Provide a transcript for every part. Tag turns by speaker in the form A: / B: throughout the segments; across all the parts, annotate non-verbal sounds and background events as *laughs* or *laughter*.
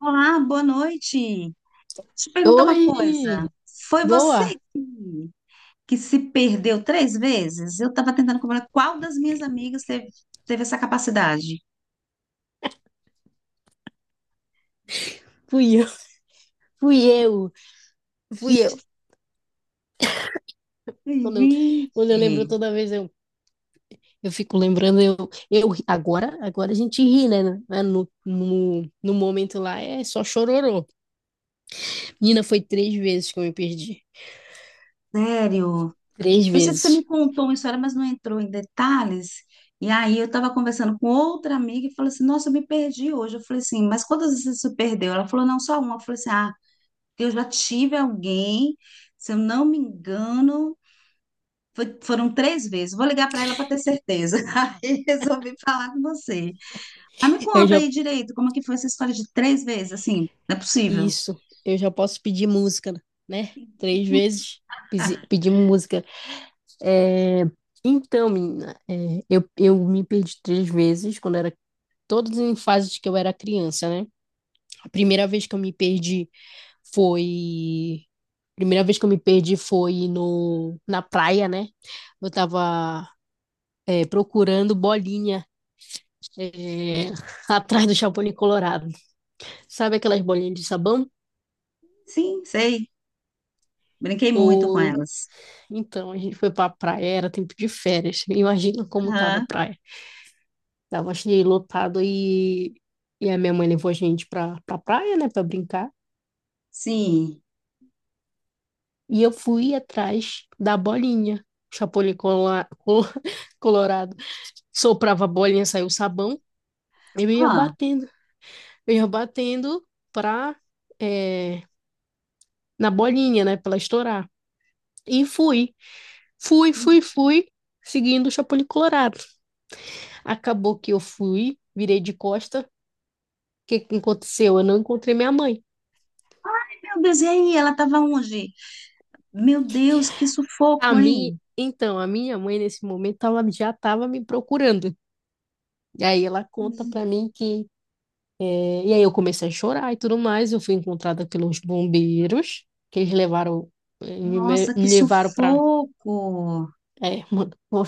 A: Olá, boa noite. Deixa eu te perguntar uma coisa.
B: Oi!
A: Foi você
B: Boa!
A: que, se perdeu três vezes? Eu estava tentando comprar qual das minhas amigas teve essa capacidade.
B: Fui eu, *laughs* fui eu, fui eu.
A: Gente,
B: Quando eu, quando eu
A: gente,
B: lembro toda vez, eu fico lembrando, agora a gente ri, né? Né, no momento lá é só chororô. Menina, foi três vezes que eu me perdi.
A: sério.
B: Três
A: Eu sei que você me
B: vezes.
A: contou uma história, mas não entrou em detalhes. E aí eu estava conversando com outra amiga e falei assim: Nossa, eu me perdi hoje. Eu falei assim: Mas quantas vezes você se perdeu? Ela falou: Não, só uma. Eu falei assim: Ah, eu já tive alguém, se eu não me engano. Foram três vezes. Vou ligar para ela para ter certeza. *laughs* Aí resolvi falar com você. Mas me
B: Eu
A: conta
B: já,
A: aí direito, como que foi essa história de três vezes? Assim, não é possível.
B: isso, eu já posso pedir música, né? Três vezes
A: *laughs*
B: pedimos música. É, então, menina, eu me perdi três vezes quando era, todas em fases que eu era criança, né? Primeira vez que eu me perdi foi. Primeira vez que eu me perdi foi no, na praia, né? Eu tava procurando bolinha é, *laughs* atrás do Chapolin Colorado. Sabe aquelas bolinhas de sabão?
A: Sim, sei. Brinquei muito com
B: Ou
A: elas.
B: então a gente foi pra praia, era tempo de férias. *laughs* Imagina como tava a
A: Aham,
B: praia. Tava cheio lotado e a minha mãe levou a gente pra praia, né, pra brincar.
A: sim.
B: E eu fui atrás da bolinha, Chapolin *laughs* Colorado. Soprava a bolinha, saiu o sabão, eu ia
A: Ah,
B: batendo, eu ia batendo pra, é, na bolinha, né, pra ela estourar. E fui, fui, fui, fui, seguindo o Chapolin Colorado. Acabou que eu fui, virei de costa. O que que aconteceu? Eu não encontrei minha mãe.
A: meu Deus, e aí? Ela estava onde? Meu Deus, que sufoco, hein?
B: Então, a minha mãe, nesse momento, ela já estava me procurando. E aí ela conta pra mim que e aí eu comecei a chorar e tudo mais. Eu fui encontrada pelos bombeiros, que eles levaram, eh, me
A: Nossa, que
B: levaram pra
A: sufoco.
B: Mano, *laughs*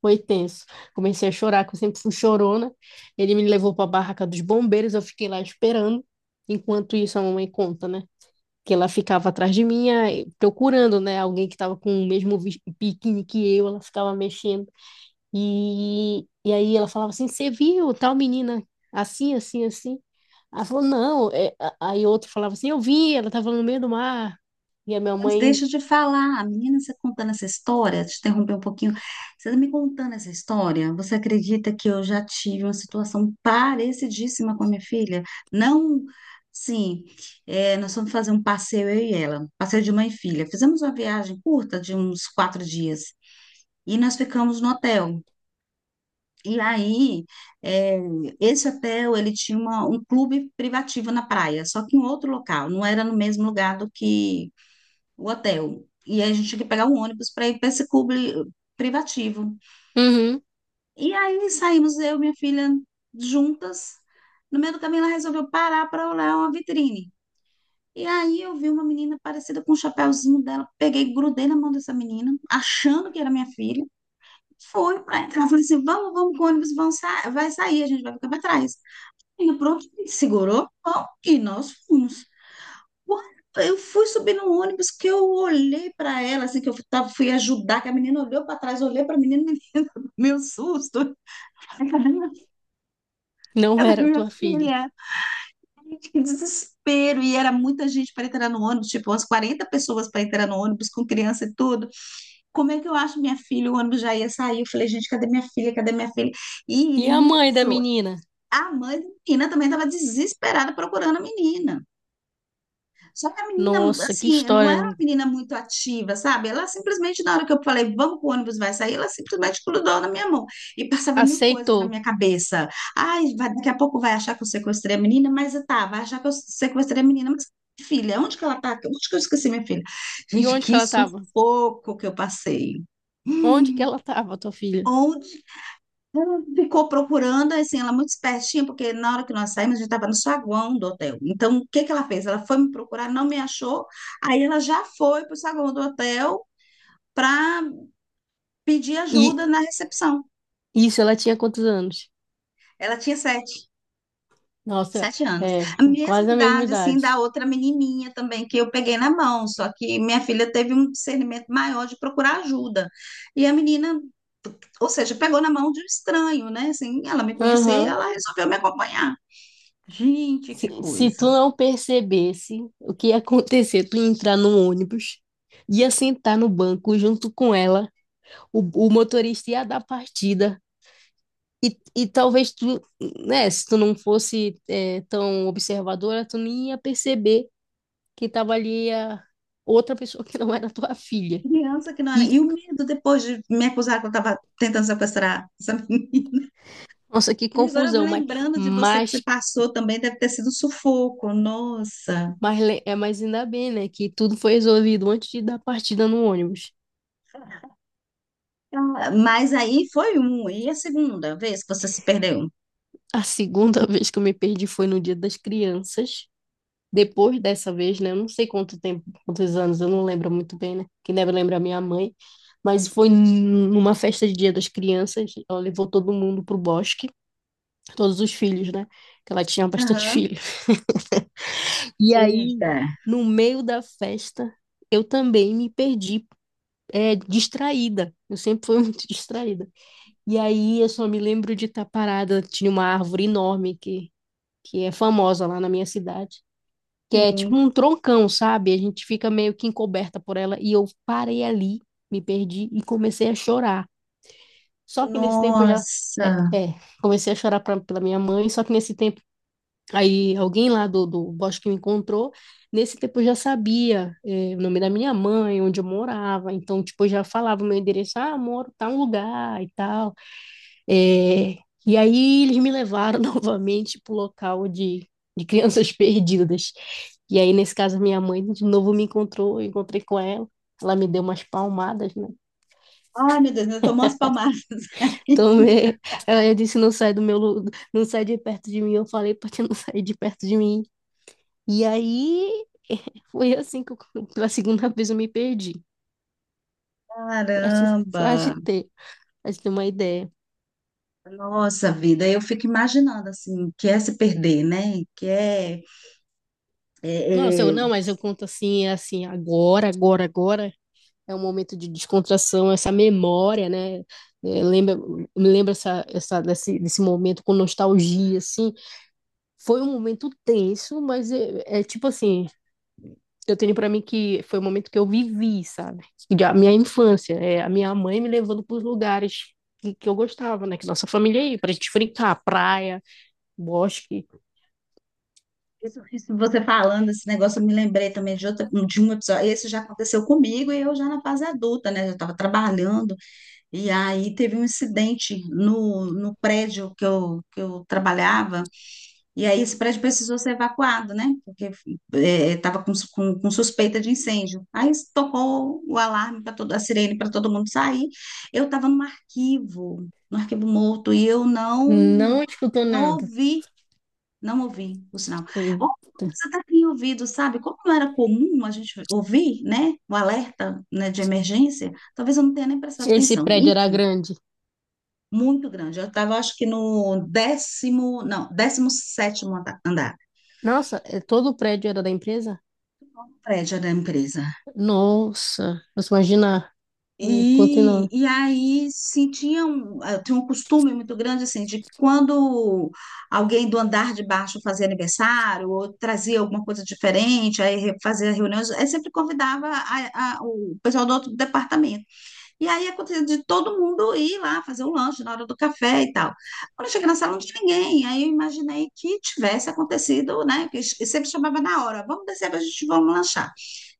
B: foi tenso. Comecei a chorar, que eu sempre fui chorona. Ele me levou para a barraca dos bombeiros, eu fiquei lá esperando. Enquanto isso, a mamãe conta, né? Que ela ficava atrás de mim, aí, procurando, né? Alguém que estava com o mesmo biquíni que eu, ela ficava mexendo. E aí ela falava assim: "Você viu tal menina assim, assim, assim?" Ela falou: "Não." É, aí outro falava assim: "Eu vi, ela estava no meio do mar." E a minha
A: Mas
B: mãe:
A: deixa de falar, a menina, você contando essa história, te interromper um pouquinho, você tá me contando essa história, você acredita que eu já tive uma situação parecidíssima com a minha filha? Não, sim, nós fomos fazer um passeio, eu e ela, passeio de mãe e filha. Fizemos uma viagem curta de uns 4 dias e nós ficamos no hotel. E aí, é, esse hotel, ele tinha um clube privativo na praia, só que em outro local, não era no mesmo lugar do que o hotel. E aí a gente tinha que pegar um ônibus para ir para esse clube privativo.
B: Uhum,
A: E aí saímos eu e minha filha juntas. No meio do caminho ela resolveu parar para olhar uma vitrine. E aí eu vi uma menina parecida com o chapéuzinho dela. Peguei, grudei na mão dessa menina, achando que era minha filha. Foi para entrar. Falei assim: vamos, vamos com o ônibus, vamos sa vai sair, a gente vai ficar para trás. E pronto, segurou, bom, e nós fomos. Eu fui subir no ônibus que eu olhei para ela, assim, fui ajudar, que a menina olhou para trás, olhei para a menina, *laughs* meu susto.
B: não
A: Ela é
B: era
A: minha
B: tua filha.
A: filha. Gente, que desespero. E era muita gente para entrar no ônibus, tipo, umas 40 pessoas para entrar no ônibus com criança e tudo. Como é que eu acho minha filha? O ônibus já ia sair. Eu falei, gente, cadê minha filha? Cadê minha filha? E
B: E a mãe da
A: nisso,
B: menina?
A: a mãe da menina também estava desesperada procurando a menina. Só que a menina,
B: Nossa, que
A: assim, não
B: história,
A: era uma
B: Lu.
A: menina muito ativa, sabe? Ela simplesmente, na hora que eu falei, vamos pro ônibus, vai sair, ela simplesmente grudou na minha mão e passava mil coisas na
B: Aceitou.
A: minha cabeça. Ai, daqui a pouco vai achar que eu sequestrei a menina, mas tá, vai achar que eu sequestrei a menina, mas filha, onde que ela tá? Onde que eu esqueci minha filha?
B: E
A: Gente,
B: onde que
A: que
B: ela tava?
A: sufoco que eu passei.
B: Onde que
A: Hum,
B: ela tava, tua filha?
A: ela ficou procurando, assim, ela muito espertinha, porque na hora que nós saímos, a gente estava no saguão do hotel. Então, o que que ela fez? Ela foi me procurar, não me achou. Aí ela já foi para o saguão do hotel para pedir
B: E
A: ajuda na recepção.
B: isso, ela tinha quantos anos?
A: Ela tinha sete,
B: Nossa,
A: sete anos.
B: é,
A: A mesma
B: quase a mesma
A: idade, assim, da
B: idade.
A: outra menininha também, que eu peguei na mão. Só que minha filha teve um discernimento maior de procurar ajuda. E a menina, ou seja, pegou na mão de um estranho, né? Assim, ela me conhecia e
B: Aham.
A: ela resolveu me acompanhar. Gente,
B: Se,
A: que
B: se tu
A: coisa.
B: não percebesse o que ia acontecer, tu ia entrar no ônibus, ia sentar no banco junto com ela, o, o motorista ia dar partida. E talvez tu, né, se tu não fosse, tão observadora, tu nem ia perceber que tava ali a outra pessoa que não era tua filha.
A: Criança que não era.
B: E,
A: E o medo depois de me acusar que eu estava tentando sequestrar essa menina.
B: nossa, que
A: E agora, me
B: confusão,
A: lembrando de você que você
B: mas,
A: passou também, deve ter sido um sufoco, nossa.
B: mas ainda bem, né, que tudo foi resolvido antes de dar partida no ônibus.
A: Ah, mas aí foi um, e a segunda vez que você se perdeu?
B: A segunda *laughs* vez que eu me perdi foi no Dia das Crianças. Depois dessa vez, né, eu não sei quanto tempo, quantos anos, eu não lembro muito bem, né, que deve lembrar é minha mãe, mas foi numa festa de Dia das Crianças, ela levou todo mundo pro bosque, todos os filhos, né, que ela tinha bastante *laughs*
A: Aham.
B: filho. E aí,
A: Eita.
B: no meio da festa, eu também me perdi, é, distraída. Eu sempre fui muito *laughs* distraída. E aí, eu só me lembro de estar parada. Tinha uma árvore enorme que é famosa lá na minha cidade, que é tipo
A: Sim.
B: um troncão, sabe? A gente fica meio que encoberta por ela. E eu parei ali, me perdi e comecei a chorar. Só que nesse tempo eu já.
A: Nossa.
B: É, é, Comecei a chorar pra, pela minha mãe, só que nesse tempo aí alguém lá do bosque me encontrou. Nesse tempo eu já sabia o nome da minha mãe, onde eu morava. Então, tipo, eu já falava o meu endereço: "Ah, moro tal lugar e tal." Eh, e aí eles me levaram *laughs* novamente pro local de crianças *laughs* perdidas. E aí, nesse caso, minha mãe de novo me encontrou, eu encontrei com ela. Ela me deu umas palmadas, né?
A: Ai, meu Deus, eu tomou umas palmadas *laughs* aí.
B: Então, *laughs* eh, ela disse, não sai do meu, lu- não sai de perto de mim. Eu falei: "Pra ti não sair de perto de mim." E aí *laughs* foi assim que eu- pela segunda vez eu me perdi. *laughs* Pra te,
A: Caramba.
B: pra te ter, pra te ter uma ideia.
A: Nossa vida, eu fico imaginando assim, o que é se perder, né? Que é,
B: Nossa,
A: é,
B: eu
A: é
B: não, mas eu conto assim, é assim, agora é um momento de descontração, essa memória, né? É, me lembra essa, desse momento com nostalgia, assim. Foi um momento tenso, mas é tipo assim, eu tenho para mim que foi o momento que eu vivi, sabe? De- A minha infância, é, a minha mãe me levando para os lugares que eu gostava, né? Que nossa família ia, pra gente brincar, praia, bosque.
A: Isso, isso você falando esse negócio, eu me lembrei também de outra, de um episódio. Esse já aconteceu comigo e eu já na fase adulta, né? Eu estava trabalhando e aí teve um incidente no prédio que que eu trabalhava e aí esse prédio precisou ser evacuado, né? Porque estava com suspeita de incêndio. Aí tocou o alarme para todo, a sirene para todo mundo sair. Eu estava no arquivo, no arquivo morto e eu não
B: Não escutou
A: não
B: nada.
A: ouvi o sinal. Ou
B: Eita.
A: Você até tinha ouvido, sabe? Como não era comum a gente ouvir, né? O alerta, né, de emergência, talvez eu não tenha nem prestado
B: Esse
A: atenção.
B: prédio era
A: Enfim,
B: grande.
A: muito grande. Eu estava, acho que no décimo, não, décimo sétimo andar,
B: Nossa, é- todo o prédio era da empresa?
A: prédio da empresa.
B: Nossa, você imagina o quanto
A: E,
B: não.
A: e aí sentiam, um, tinha um costume muito grande assim, de quando alguém do andar de baixo fazia aniversário ou trazia alguma coisa diferente, aí fazia reuniões, aí sempre convidava o pessoal do outro departamento. E aí acontecia de todo mundo ir lá fazer o lanche na hora do café e tal. Quando eu cheguei na sala, não tinha ninguém, aí eu imaginei que tivesse acontecido, né? Que sempre chamava na hora, vamos descer, a gente vamos lanchar.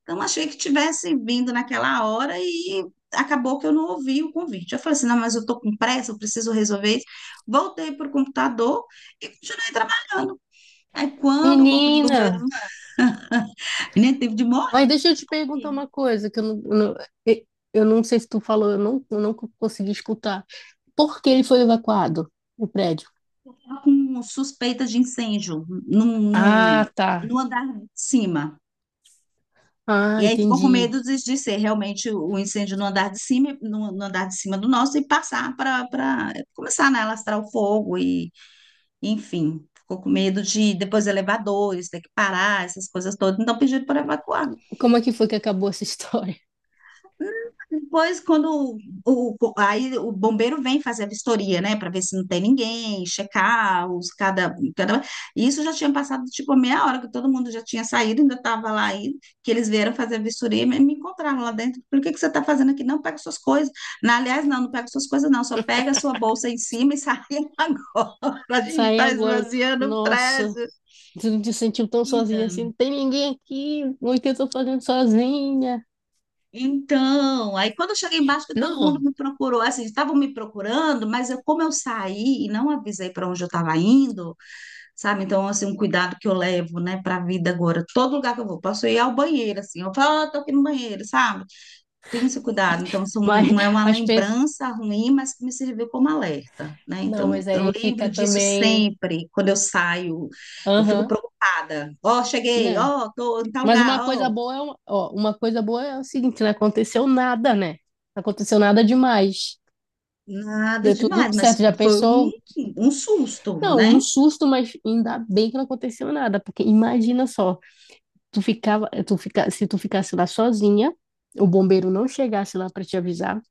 A: Então, achei que tivesse vindo naquela hora e acabou que eu não ouvi o convite. Eu falei assim, não, mas eu estou com pressa, eu preciso resolver isso. Voltei para o computador e continuei trabalhando. Aí, quando o corpo de
B: Menina,
A: bombeiro, né, teve de morrer,
B: ai, deixa eu te perguntar uma coisa que eh, eu não sei se tu falou, eu não co- consegui escutar. Por que ele foi evacuado, o prédio?
A: estava com suspeita de incêndio
B: Ah, tá.
A: no andar de cima. E
B: Ah,
A: aí ficou com
B: entendi.
A: medo de ser realmente o incêndio no andar de cima, no andar de cima do nosso e passar para começar, né, a alastrar o fogo e enfim, ficou com medo de depois elevadores, ter que parar, essas coisas todas. Então pediram para evacuar.
B: Como é que foi que acabou essa história? *laughs*
A: Depois, quando o- aí o bombeiro vem fazer a vistoria, né, para ver se não tem ninguém, checar os cada. Isso já tinha passado tipo meia hora que todo mundo já tinha saído, ainda estava lá aí, que eles vieram fazer a vistoria e me encontraram lá dentro. Por que que você está fazendo aqui? Não, pega suas coisas. Na, aliás, não, não pega suas coisas, não, só pega a sua bolsa em cima e sai *laughs* agora. A gente
B: Saí
A: está
B: agora.
A: esvaziando o
B: Nossa,
A: prédio.
B: você não te sentiu tão sozinha assim?
A: Menina.
B: Não tem ninguém aqui. O que eu tô fazendo sozinha?
A: Então, aí quando eu cheguei embaixo, que todo mundo
B: Não,
A: me procurou, assim, estavam me procurando, mas eu, como eu saí e não avisei para onde eu estava indo, sabe? Então, assim, um cuidado que eu levo, né, para a vida agora. Todo lugar que eu vou, posso ir ao banheiro, assim, eu falo, ah, tô aqui no banheiro, sabe? Tenho esse cuidado. Então, são,
B: mas,
A: não é uma
B: mas pensa.
A: lembrança ruim, mas que me serviu como alerta, né?
B: Não,
A: Então,
B: mas
A: eu
B: aí
A: lembro
B: fica
A: disso
B: também.
A: sempre, quando eu saio, eu fico
B: Aham.
A: preocupada. Ó, cheguei,
B: Né,
A: ó, tô em tal
B: mas
A: lugar,
B: uma coisa
A: ó.
B: boa é, uma- ó, uma coisa boa é o seguinte, não aconteceu nada, né? Não aconteceu nada demais.
A: Nada
B: Deu tudo
A: demais,
B: certo,
A: mas
B: já
A: foi um,
B: pensou?
A: um susto,
B: Não, um
A: né?
B: susto, mas ainda bem que não aconteceu nada, porque imagina só, tu ficava, tu fica, se tu ficasse lá sozinha, o bombeiro não chegasse lá para te avisar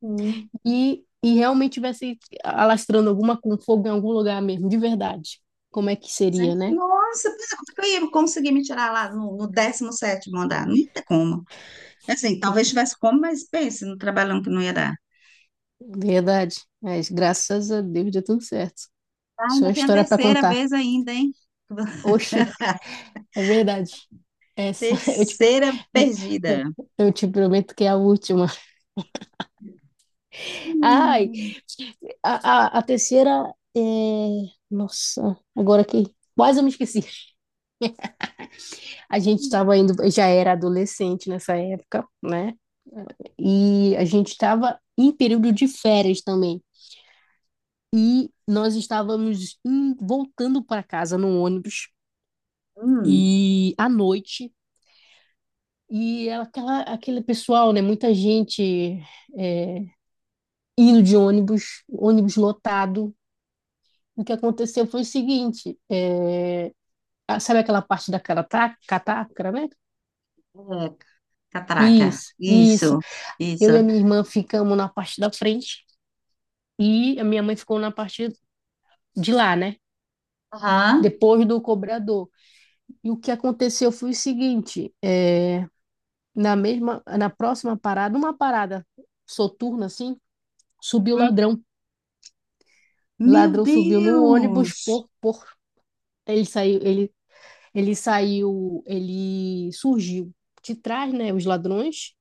A: Sim.
B: e realmente tivesse alastrando alguma com fogo em algum lugar mesmo, de verdade. Como é que
A: Mas é,
B: seria, né?
A: nossa, pera, como é que eu ia conseguir me tirar lá no 17º andar? Não tem como. É assim, talvez tivesse como, mas pense no trabalhão que não ia dar.
B: Verdade. Mas graças a Deus deu tudo certo.
A: Ah,
B: Só
A: ainda tem a
B: história para
A: terceira
B: contar.
A: vez ainda, hein?
B: Oxi.
A: *laughs*
B: É verdade. Essa, *laughs*
A: Terceira perdida.
B: eu te prometo que é a última. Ai,
A: Hum.
B: a terceira é... Nossa, agora que quase eu me esqueci. A gente estava indo, já era adolescente nessa época, né? E a gente estava em período de férias também. E nós estávamos em- voltando para casa no ônibus
A: Hum,
B: e à noite. E aquela, aquele pessoal, né? Muita gente, é, ido de ônibus, ônibus lotado. O que aconteceu foi o seguinte: sabe aquela parte da catraca, né?
A: é, catraca.
B: Isso, isso.
A: Isso, isso.
B: Eu e a minha irmã ficamos na parte da frente e a minha mãe ficou na parte de lá, né?
A: Aham.
B: Depois do cobrador. E o que aconteceu foi o seguinte: na mesma, na próxima parada, uma parada soturna assim, subiu o
A: Hum.
B: ladrão. O
A: Meu
B: ladrão subiu no ônibus
A: Deus!
B: por ele saiu, ele Ele saiu, ele surgiu de trás, né? Os ladrões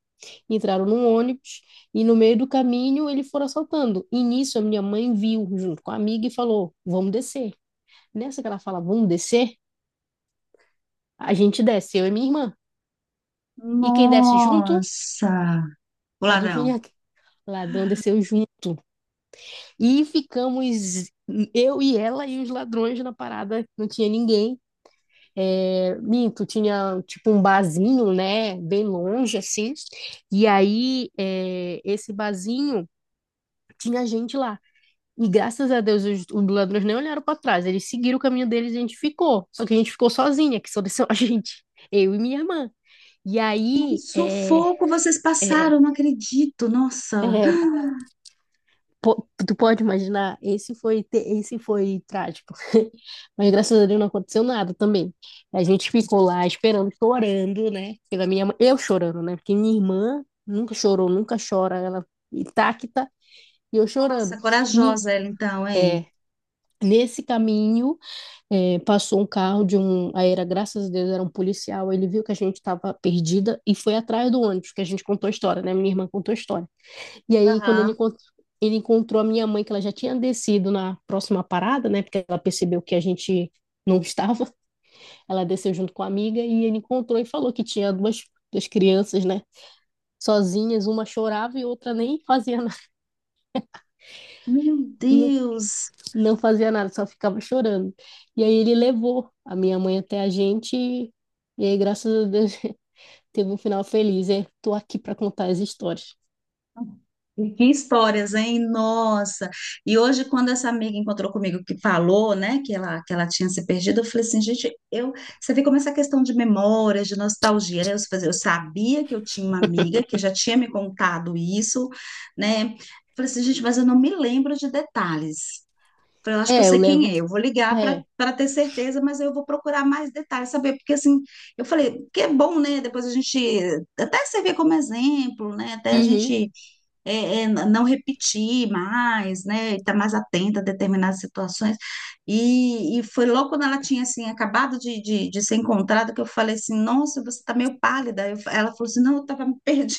B: entraram num ônibus e no meio do caminho eles foram assaltando. E nisso a minha mãe viu junto com a amiga e falou: "Vamos descer." Nessa que ela fala "vamos descer", a gente desce, eu e minha irmã. E quem desce junto,
A: Nossa! O ladrão.
B: adivinha quem? O ladrão desceu junto. E ficamos eu e ela e os ladrões na parada, não tinha ninguém. É, minto, tinha tipo um barzinho, né, bem longe assim. E aí, é, esse barzinho tinha gente lá. E graças a Deus os ladrões nem olharam para trás, eles seguiram o caminho deles e a gente ficou. Só que a gente ficou sozinha, que só desceu *laughs* a gente, eu e minha irmã. E
A: E que
B: aí,
A: sufoco vocês
B: é,
A: passaram, não acredito. Nossa,
B: é, tu pode imaginar, esse foi, esse foi trágico. *laughs* Mas graças a Deus não aconteceu nada também. A gente ficou lá esperando, chorando, né? Pela minha mãe, eu chorando, né? Porque minha irmã nunca chorou, nunca chora, ela intacta e eu chorando.
A: nossa,
B: Ni-
A: corajosa ela então, hein?
B: é, nesse caminho, passou um carro de um, aí era, graças a Deus, era um policial, ele viu que a gente estava perdida e foi atrás do ônibus, que a gente contou a história, né? Minha irmã contou a história. E aí, quando ele
A: Aham.
B: ele encontrou a minha mãe, que ela já tinha descido na próxima parada, né? Porque ela percebeu que a gente não estava. *laughs* Ela desceu junto com a amiga e ele encontrou e falou que tinha duas crianças, né? Sozinhas, uma chorava e outra nem fazia nada,
A: Meu
B: *laughs* não,
A: Deus.
B: não fazia nada, só ficava chorando. E aí ele levou a minha mãe até a gente e aí, graças a Deus, *laughs* teve um final feliz. É, tô aqui para contar as histórias.
A: E que histórias, hein? Nossa. E hoje, quando essa amiga encontrou comigo que falou, né, que ela tinha se perdido, eu falei assim, gente, eu, você vê como essa questão de memórias, de nostalgia, né? Eu, falei, eu sabia que eu tinha uma amiga que já tinha me contado isso, né? Eu Falei assim, gente, mas eu não me lembro de detalhes. Falei, eu acho que eu
B: É, eu
A: sei quem
B: levo.
A: é, eu vou ligar para
B: É.
A: ter certeza, mas eu vou procurar mais detalhes, saber, porque assim, eu falei, que é bom, né? Depois a gente até servir como exemplo, né? Até a
B: Uhum.
A: gente é, não repetir mais, né? Estar mais atenta a determinadas situações. E foi logo quando ela tinha assim, acabado de ser encontrada, que eu falei assim, nossa, você está meio pálida. Eu Ela falou assim, não, eu estava perdida.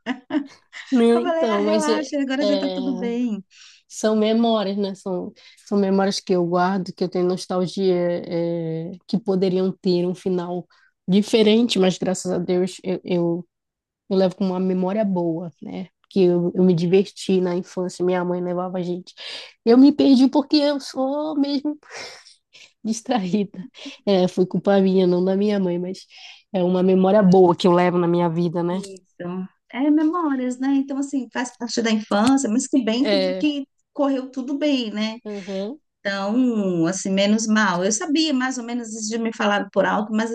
A: *laughs* Eu
B: Né,
A: falei, ah,
B: então, mas é,
A: relaxa, agora
B: é,
A: já está tudo bem.
B: são memórias, né? São memórias que eu guardo, que eu tenho nostalgia, é, que poderiam ter um final diferente, mas graças a Deus eu levo com uma memória boa, né? Que eu me diverti na infância, minha mãe levava a gente. Eu me perdi porque eu sou mesmo distraída. É, foi culpa minha, não da minha mãe, mas é uma memória boa que eu levo na minha vida, né?
A: Isso. É memórias, né? Então, assim, faz parte da infância, mas que bem
B: É,
A: que correu tudo bem, né?
B: aham.
A: Então, assim, menos mal. Eu sabia mais ou menos isso de me falar por alto, mas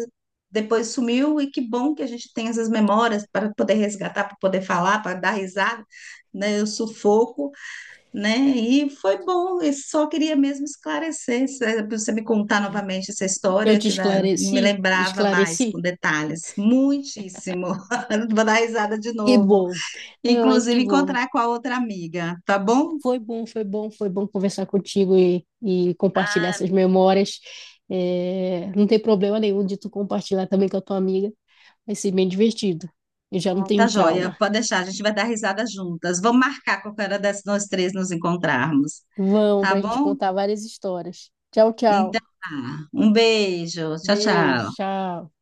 A: depois sumiu e que bom que a gente tem essas memórias para poder resgatar, para poder falar, para dar risada, né? Eu sufoco né? E foi bom, eu só queria mesmo esclarecer, é pra você me contar novamente essa
B: Eu
A: história,
B: te
A: que me
B: esclareci?
A: lembrava mais com
B: Esclareci?
A: detalhes, muitíssimo. *laughs* Vou dar risada de
B: Que
A: novo.
B: bom, realmente que
A: Inclusive,
B: bom.
A: encontrar com a outra amiga, tá bom?
B: Foi bom, foi bom, foi bom conversar contigo e compartilhar essas memórias. É, não tem problema nenhum de tu compartilhar também com a tua amiga. Vai ser bem divertido. Eu já não
A: Tá
B: tenho
A: joia,
B: trauma.
A: pode deixar, a gente vai dar risada juntas. Vamos marcar qualquer hora dessas nós três nos encontrarmos,
B: Vamos
A: tá
B: para a gente
A: bom?
B: contar várias histórias. Tchau, tchau.
A: Então, tá. Um beijo, tchau,
B: Beijo,
A: tchau.
B: tchau.